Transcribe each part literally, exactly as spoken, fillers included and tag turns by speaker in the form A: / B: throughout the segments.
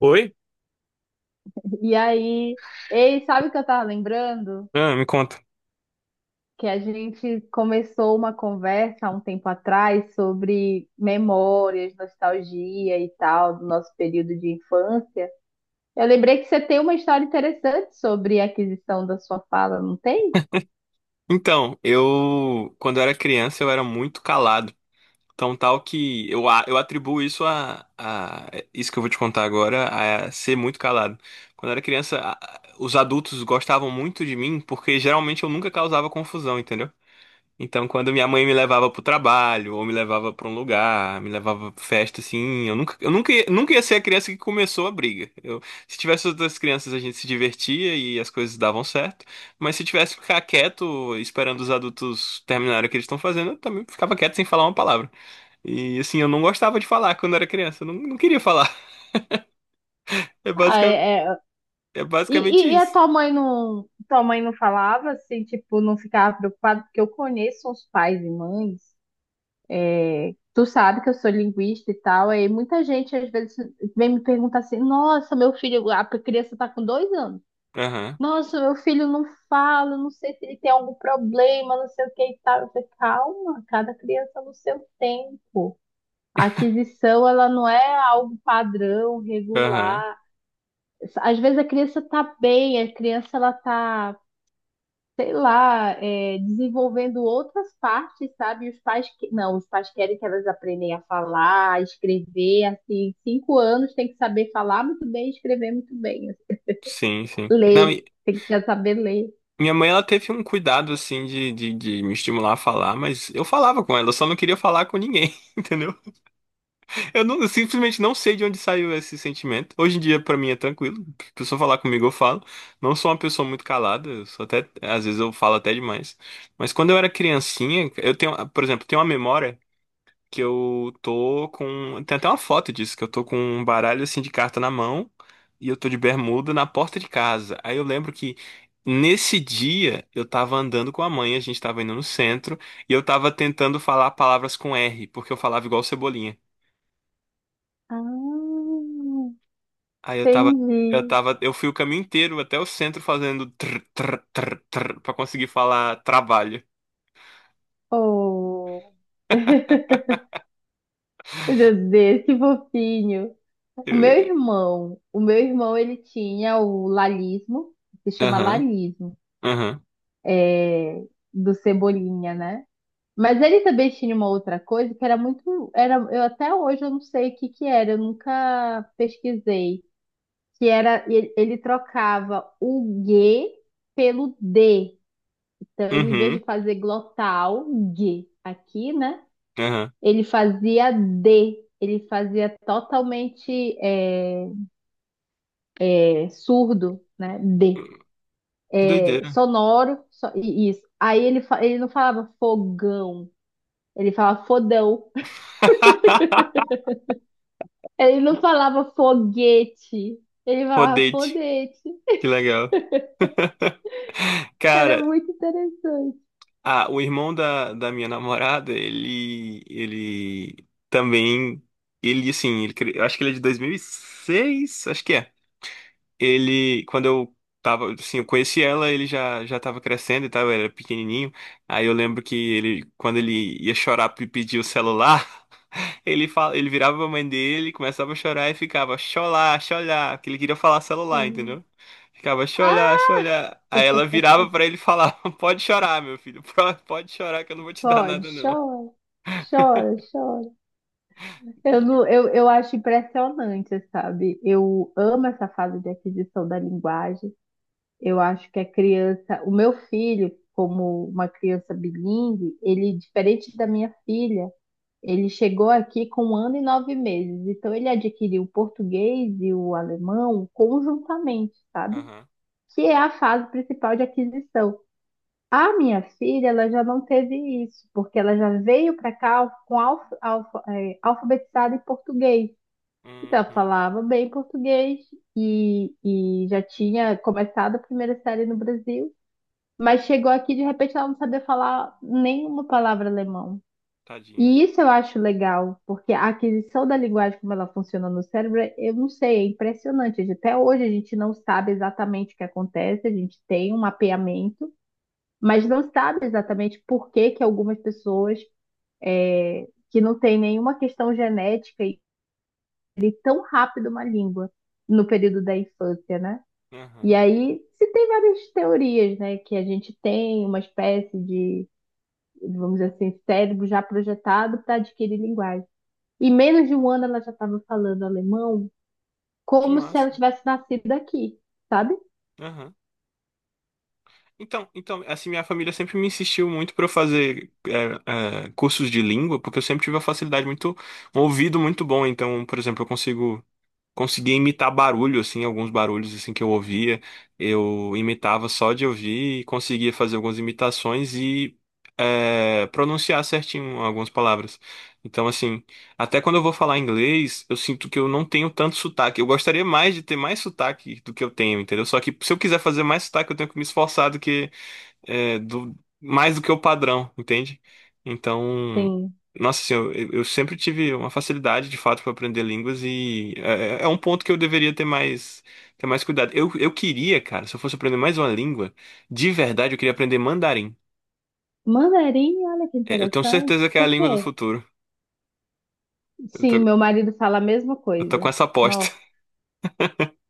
A: Oi?
B: E aí, ei, sabe o que eu tava lembrando?
A: Ah, me conta.
B: Que a gente começou uma conversa há um tempo atrás sobre memórias, nostalgia e tal, do nosso período de infância. Eu lembrei que você tem uma história interessante sobre a aquisição da sua fala, não tem?
A: Então, eu, quando eu era criança, eu era muito calado. Tão tal que eu, a- eu atribuo isso a, a- isso que eu vou te contar agora, a ser muito calado. Quando eu era criança, a- a- os adultos gostavam muito de mim porque geralmente eu nunca causava confusão, entendeu? Então, quando minha mãe me levava pro trabalho, ou me levava pra um lugar, me levava pra festa, assim, eu nunca, eu nunca, ia- nunca ia ser a criança que começou a briga. Eu, se tivesse outras crianças, a gente se divertia e as coisas davam certo, mas se tivesse que ficar quieto, esperando os adultos terminarem o que eles estão fazendo, eu também ficava quieto sem falar uma palavra. E, assim, eu não gostava de falar quando era criança, eu não, não queria falar. É
B: Ah,
A: basicamente,
B: é- é.
A: é
B: E,
A: basicamente
B: e- e a
A: isso.
B: tua mãe não, tua mãe não falava assim, tipo, não ficava preocupada, porque eu conheço uns pais e mães. Tu sabe que eu sou linguista e tal, aí muita gente às vezes vem me perguntar assim: nossa, meu filho, a criança tá com dois anos.
A: Aham,
B: Nossa, meu filho não fala, não sei se ele tem algum problema, não sei o que e tal. Eu falei, calma, cada criança no seu tempo. A aquisição, ela não é algo padrão,
A: aham.
B: regular. Às vezes a criança tá bem, a criança ela tá, sei lá, é, desenvolvendo outras partes, sabe? Os pais que... não, os pais querem que elas aprendem a falar, a escrever, assim, cinco anos tem que saber falar muito bem, escrever muito bem, assim.
A: Sim, sim. Não.
B: Ler, tem que já saber ler.
A: Minha mãe, ela teve um cuidado, assim, de, de, de me estimular a falar, mas eu falava com ela, eu só não queria falar com ninguém, entendeu? Eu, não, eu simplesmente não sei de onde saiu esse sentimento. Hoje em dia, pra mim, é tranquilo. A pessoa falar comigo, eu falo. Não sou uma pessoa muito calada, eu sou até, às vezes eu falo até demais. Mas quando eu era criancinha, eu tenho, por exemplo, tenho uma memória que eu tô com. Tem até uma foto disso, que eu tô com um baralho assim de carta na mão e eu tô de bermuda na porta de casa. Aí eu lembro que nesse dia eu tava andando com a mãe, a gente tava indo no centro e eu tava tentando falar palavras com R, porque eu falava igual Cebolinha.
B: Ah,
A: Aí eu tava. Eu
B: entendi.
A: tava, eu fui o caminho inteiro até o centro fazendo tr, tr, tr, tr, pra conseguir falar trabalho.
B: Oh, meu Deus, que fofinho. O meu
A: Eu-
B: irmão, o meu irmão, ele tinha o lalismo, que se chama
A: Aham,
B: lalismo,
A: aham,
B: é, do Cebolinha, né? Mas ele também tinha uma outra coisa que era muito, era, eu até hoje eu não sei o que que era, eu nunca pesquisei, que era ele, ele trocava o G pelo D. Então ele, em vez
A: uhum,
B: de fazer glotal, G aqui, né?
A: aham.
B: Ele fazia D, ele fazia totalmente é, é, surdo, né? D.
A: Que
B: É,
A: doideira.
B: sonoro, só- e- isso. Aí ele, fa- ele não falava fogão, ele falava fodão. Ele não falava foguete, ele falava
A: Rodete.
B: fodete.
A: Que legal.
B: Era
A: Cara,
B: muito interessante.
A: ah, o irmão da, da minha namorada, ele, ele também, ele assim, ele, cre- eu acho que ele é de dois mil e seis acho que é. Ele, quando eu tava, assim, eu conheci ela, ele já, já tava crescendo e tal, ele era pequenininho. Aí eu lembro que ele, quando ele ia chorar e pedir o celular, ele fala, ele virava pra mãe dele, começava a chorar e ficava xolá, xolá, que ele queria falar celular, entendeu? Ficava xolá,
B: Ah,
A: xolá. Aí ela virava pra ele e falava: "Pode chorar, meu filho. pro- Pode chorar que eu não vou te dar
B: pode,
A: nada não".
B: chora, chora, chora.
A: E-
B: Eu,
A: e-
B: não, eu, eu acho impressionante, sabe? Eu amo essa fase de aquisição da linguagem. Eu acho que a criança, o meu filho, como uma criança bilíngue, ele, diferente da minha filha, ele chegou aqui com um ano e nove meses. Então, ele adquiriu o português e o alemão conjuntamente, sabe?
A: Aham.
B: Que é a fase principal de aquisição. A minha filha, ela já não teve isso, porque ela já veio para cá com alf, alf, eh, alfabetizada em português. Então, ela
A: Uhum.
B: falava bem português e, e já tinha começado a primeira série no Brasil, mas chegou aqui, de repente, ela não sabia falar nenhuma palavra alemão.
A: Tadinha.
B: E isso eu acho legal, porque a aquisição da linguagem, como ela funciona no cérebro, eu não sei, é impressionante. A gente... Até hoje a gente não sabe exatamente o que acontece, a gente tem um mapeamento, mas não sabe exatamente por que que algumas pessoas, é, que não têm nenhuma questão genética e tão rápido uma língua no período da infância, né? E
A: Aham.
B: aí se tem várias teorias, né? Que a gente tem uma espécie de, vamos dizer assim, cérebro já projetado para adquirir linguagem. E menos de um ano ela já estava falando alemão
A: Que
B: como se
A: massa.
B: ela tivesse nascido aqui, sabe?
A: Aham. Então, então, assim, minha família sempre me insistiu muito pra eu fazer é, é, cursos de língua, porque eu sempre tive uma facilidade muito, um ouvido muito bom. Então, por exemplo, eu consigo conseguia imitar barulho, assim, alguns barulhos, assim, que eu ouvia. Eu imitava só de ouvir e conseguia fazer algumas imitações e é, pronunciar certinho algumas palavras. Então, assim, até quando eu vou falar inglês, eu sinto que eu não tenho tanto sotaque. Eu gostaria mais de ter mais sotaque do que eu tenho, entendeu? Só que se eu quiser fazer mais sotaque, eu tenho que me esforçar do que é, do, mais do que o padrão, entende? Então,
B: Sim.
A: nossa, assim, eu, eu sempre tive uma facilidade de fato para aprender línguas e é, é é um ponto que eu deveria ter mais, ter mais, cuidado. Eu, eu queria, cara, se eu fosse aprender mais uma língua, de verdade, eu queria aprender mandarim.
B: Mandarim, olha que
A: É, eu tenho
B: interessante.
A: certeza que é a
B: Por
A: língua do
B: quê?
A: futuro. Eu
B: Sim,
A: tô,
B: meu marido fala a mesma
A: eu tô com
B: coisa.
A: essa aposta.
B: Nossa,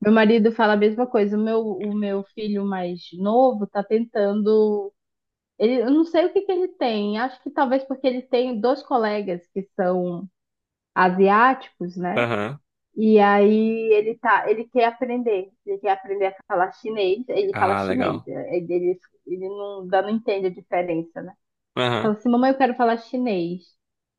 B: meu marido fala a mesma coisa. O meu, o meu filho mais novo tá tentando. Ele, eu não sei o que que ele tem. Acho que talvez porque ele tem dois colegas que são asiáticos, né?
A: Aham.
B: E aí ele tá, ele quer aprender, ele quer aprender a falar chinês, ele fala
A: Ah,
B: chinês,
A: legal.
B: né? ele, ele, ele não, dá- não entende a diferença, né?
A: Aham.
B: Fala assim, mamãe, eu quero falar chinês.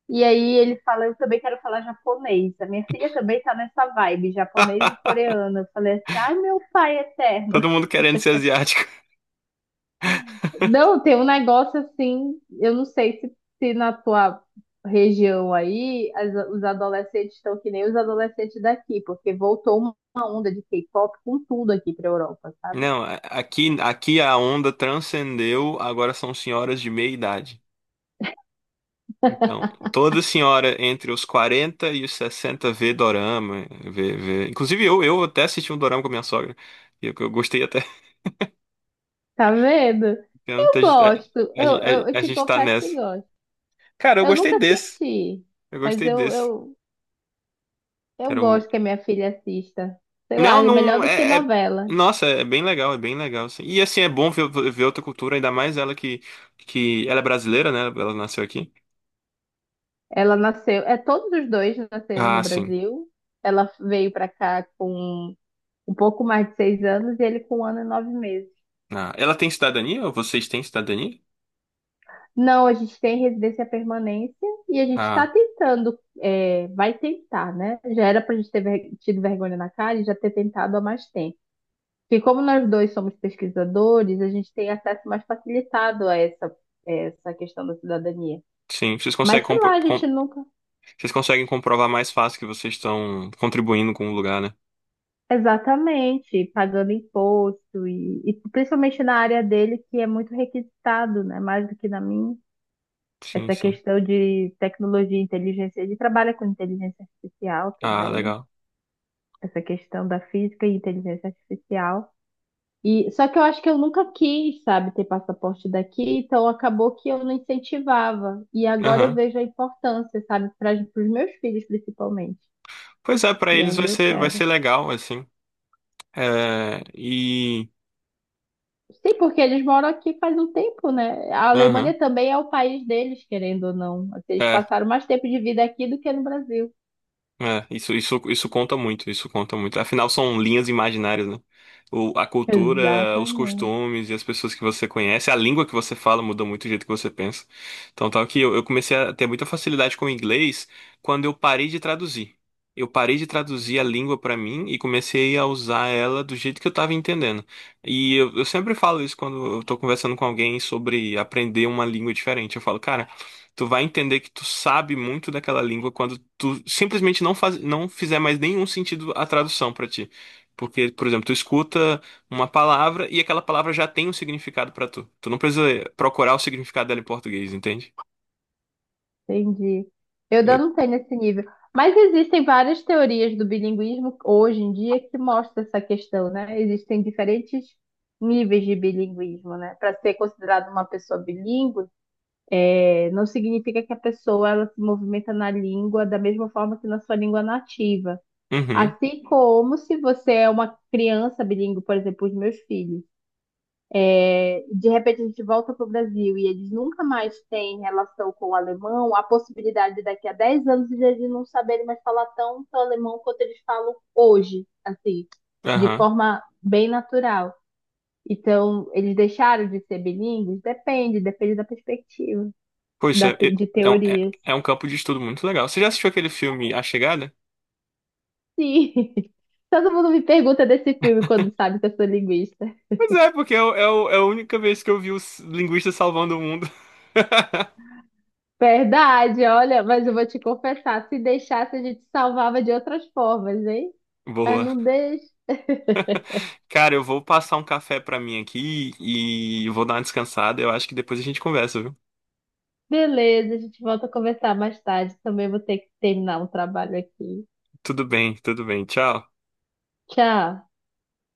B: E aí ele fala, eu também quero falar japonês. A minha filha também tá nessa vibe, japonês e coreano. Eu falei assim, ai meu pai eterno.
A: Todo mundo querendo ser asiático.
B: Não, tem um negócio assim, eu não sei se, se na tua região aí as- os adolescentes estão que nem os adolescentes daqui, porque voltou uma onda de K-pop com tudo aqui pra Europa, sabe?
A: Não, a- aqui, aqui a onda transcendeu, agora são senhoras de meia idade. Então, toda senhora entre os quarenta e os sessenta vê dorama, vê, vê... Inclusive eu, eu até assisti um dorama com a minha sogra, e eu, eu gostei até.
B: Tá vendo?
A: Então,
B: Eu
A: A, gente- a,
B: gosto, eu, eu, eu
A: a, a
B: te
A: gente tá
B: confesso que
A: nessa.
B: gosto.
A: Cara, eu
B: Eu
A: gostei
B: nunca
A: desse.
B: assisti,
A: Eu
B: mas
A: gostei
B: eu,
A: desse.
B: eu,
A: Que
B: eu
A: era o...
B: gosto que a minha filha assista. Sei lá,
A: Não,
B: é melhor
A: não...
B: do que
A: É, é-
B: novela.
A: Nossa, é bem legal, é bem legal, assim. E assim, é bom ver, ver outra cultura, ainda mais ela que, que... Ela é brasileira, né? Ela nasceu aqui.
B: Ela nasceu, é, todos os dois nasceram no
A: Ah, sim.
B: Brasil. Ela veio pra cá com um pouco mais de seis anos e ele com um ano e nove meses.
A: Ah, ela tem cidadania? Ou vocês têm cidadania?
B: Não, a gente tem residência permanência e a gente está
A: Ah,
B: tentando, é, vai tentar, né? Já era para a gente ter ver- tido vergonha na cara e já ter tentado há mais tempo. Porque como nós dois somos pesquisadores, a gente tem acesso mais facilitado a essa, essa questão da cidadania.
A: sim. Vocês
B: Mas
A: conseguem
B: sei lá, a gente nunca.
A: Vocês conseguem comprovar mais fácil que vocês estão contribuindo com o lugar, né?
B: Exatamente, pagando imposto e, e principalmente na área dele que é muito requisitado, né? Mais do que na minha.
A: Sim,
B: Essa
A: sim.
B: questão de tecnologia e inteligência, ele trabalha com inteligência artificial
A: Ah,
B: também,
A: legal.
B: essa questão da física e inteligência artificial. E só que eu acho que eu nunca quis, sabe, ter passaporte daqui, então acabou que eu não incentivava. E agora eu
A: Aham.
B: vejo a importância, sabe, para os meus filhos principalmente.
A: Pois é, pra
B: E
A: eles
B: aí
A: vai
B: eu
A: ser, vai
B: quero.
A: ser legal, assim. É, e.
B: Sim, porque eles moram aqui faz um tempo, né? A
A: Aham.
B: Alemanha também é o país deles, querendo ou não. Assim, eles
A: É.
B: passaram mais tempo de vida aqui do que no Brasil.
A: É, isso, isso, isso conta muito, isso conta muito. Afinal, são linhas imaginárias, né? O, a cultura, os
B: Exatamente.
A: costumes e as pessoas que você conhece, a língua que você fala muda muito o jeito que você pensa. Então, tal que eu, eu comecei a ter muita facilidade com o inglês quando eu parei de traduzir. Eu parei de traduzir a língua pra mim e comecei a usar ela do jeito que eu tava entendendo. E eu, eu sempre falo isso quando eu tô conversando com alguém sobre aprender uma língua diferente. Eu falo, cara, tu vai entender que tu sabe muito daquela língua quando tu simplesmente não faz, não fizer mais nenhum sentido a tradução pra ti. Porque, por exemplo, tu escuta uma palavra e aquela palavra já tem um significado pra tu. Tu não precisa procurar o significado dela em português, entende?
B: Entendi. Eu ainda
A: Eu-
B: não tenho nesse nível. Mas existem várias teorias do bilinguismo hoje em dia que mostram essa questão, né? Existem diferentes níveis de bilinguismo, né? Para ser considerada uma pessoa bilíngue, eh, não significa que a pessoa ela se movimenta na língua da mesma forma que na sua língua nativa.
A: Uhum,
B: Assim como se você é uma criança bilíngue, por exemplo, os meus filhos. É, de repente a gente volta para o Brasil e eles nunca mais têm relação com o alemão, a possibilidade daqui a dez anos de eles não saberem mais falar tanto alemão quanto eles falam hoje, assim, de
A: aham.
B: forma bem natural. Então, eles deixaram de ser bilíngues? Depende, depende da perspectiva,
A: Pô, isso
B: da
A: é,
B: te-
A: é,
B: de
A: é um é-
B: teorias.
A: é um campo de estudo muito legal. Você já assistiu aquele filme A Chegada?
B: Sim. Todo mundo me pergunta desse filme quando sabe que eu sou linguista.
A: Pois é, porque é, o- é o- é a única vez que eu vi os linguistas salvando o mundo.
B: Verdade, olha, mas eu vou te confessar, se deixasse a gente salvava de outras formas, hein? Mas
A: Boa.
B: não deixe.
A: Cara, eu vou passar um café pra mim aqui e vou dar uma descansada. Eu acho que depois a gente conversa, viu?
B: Beleza, a gente volta a conversar mais tarde. Também vou ter que terminar o trabalho aqui.
A: Tudo bem, tudo bem. Tchau.
B: Tchau.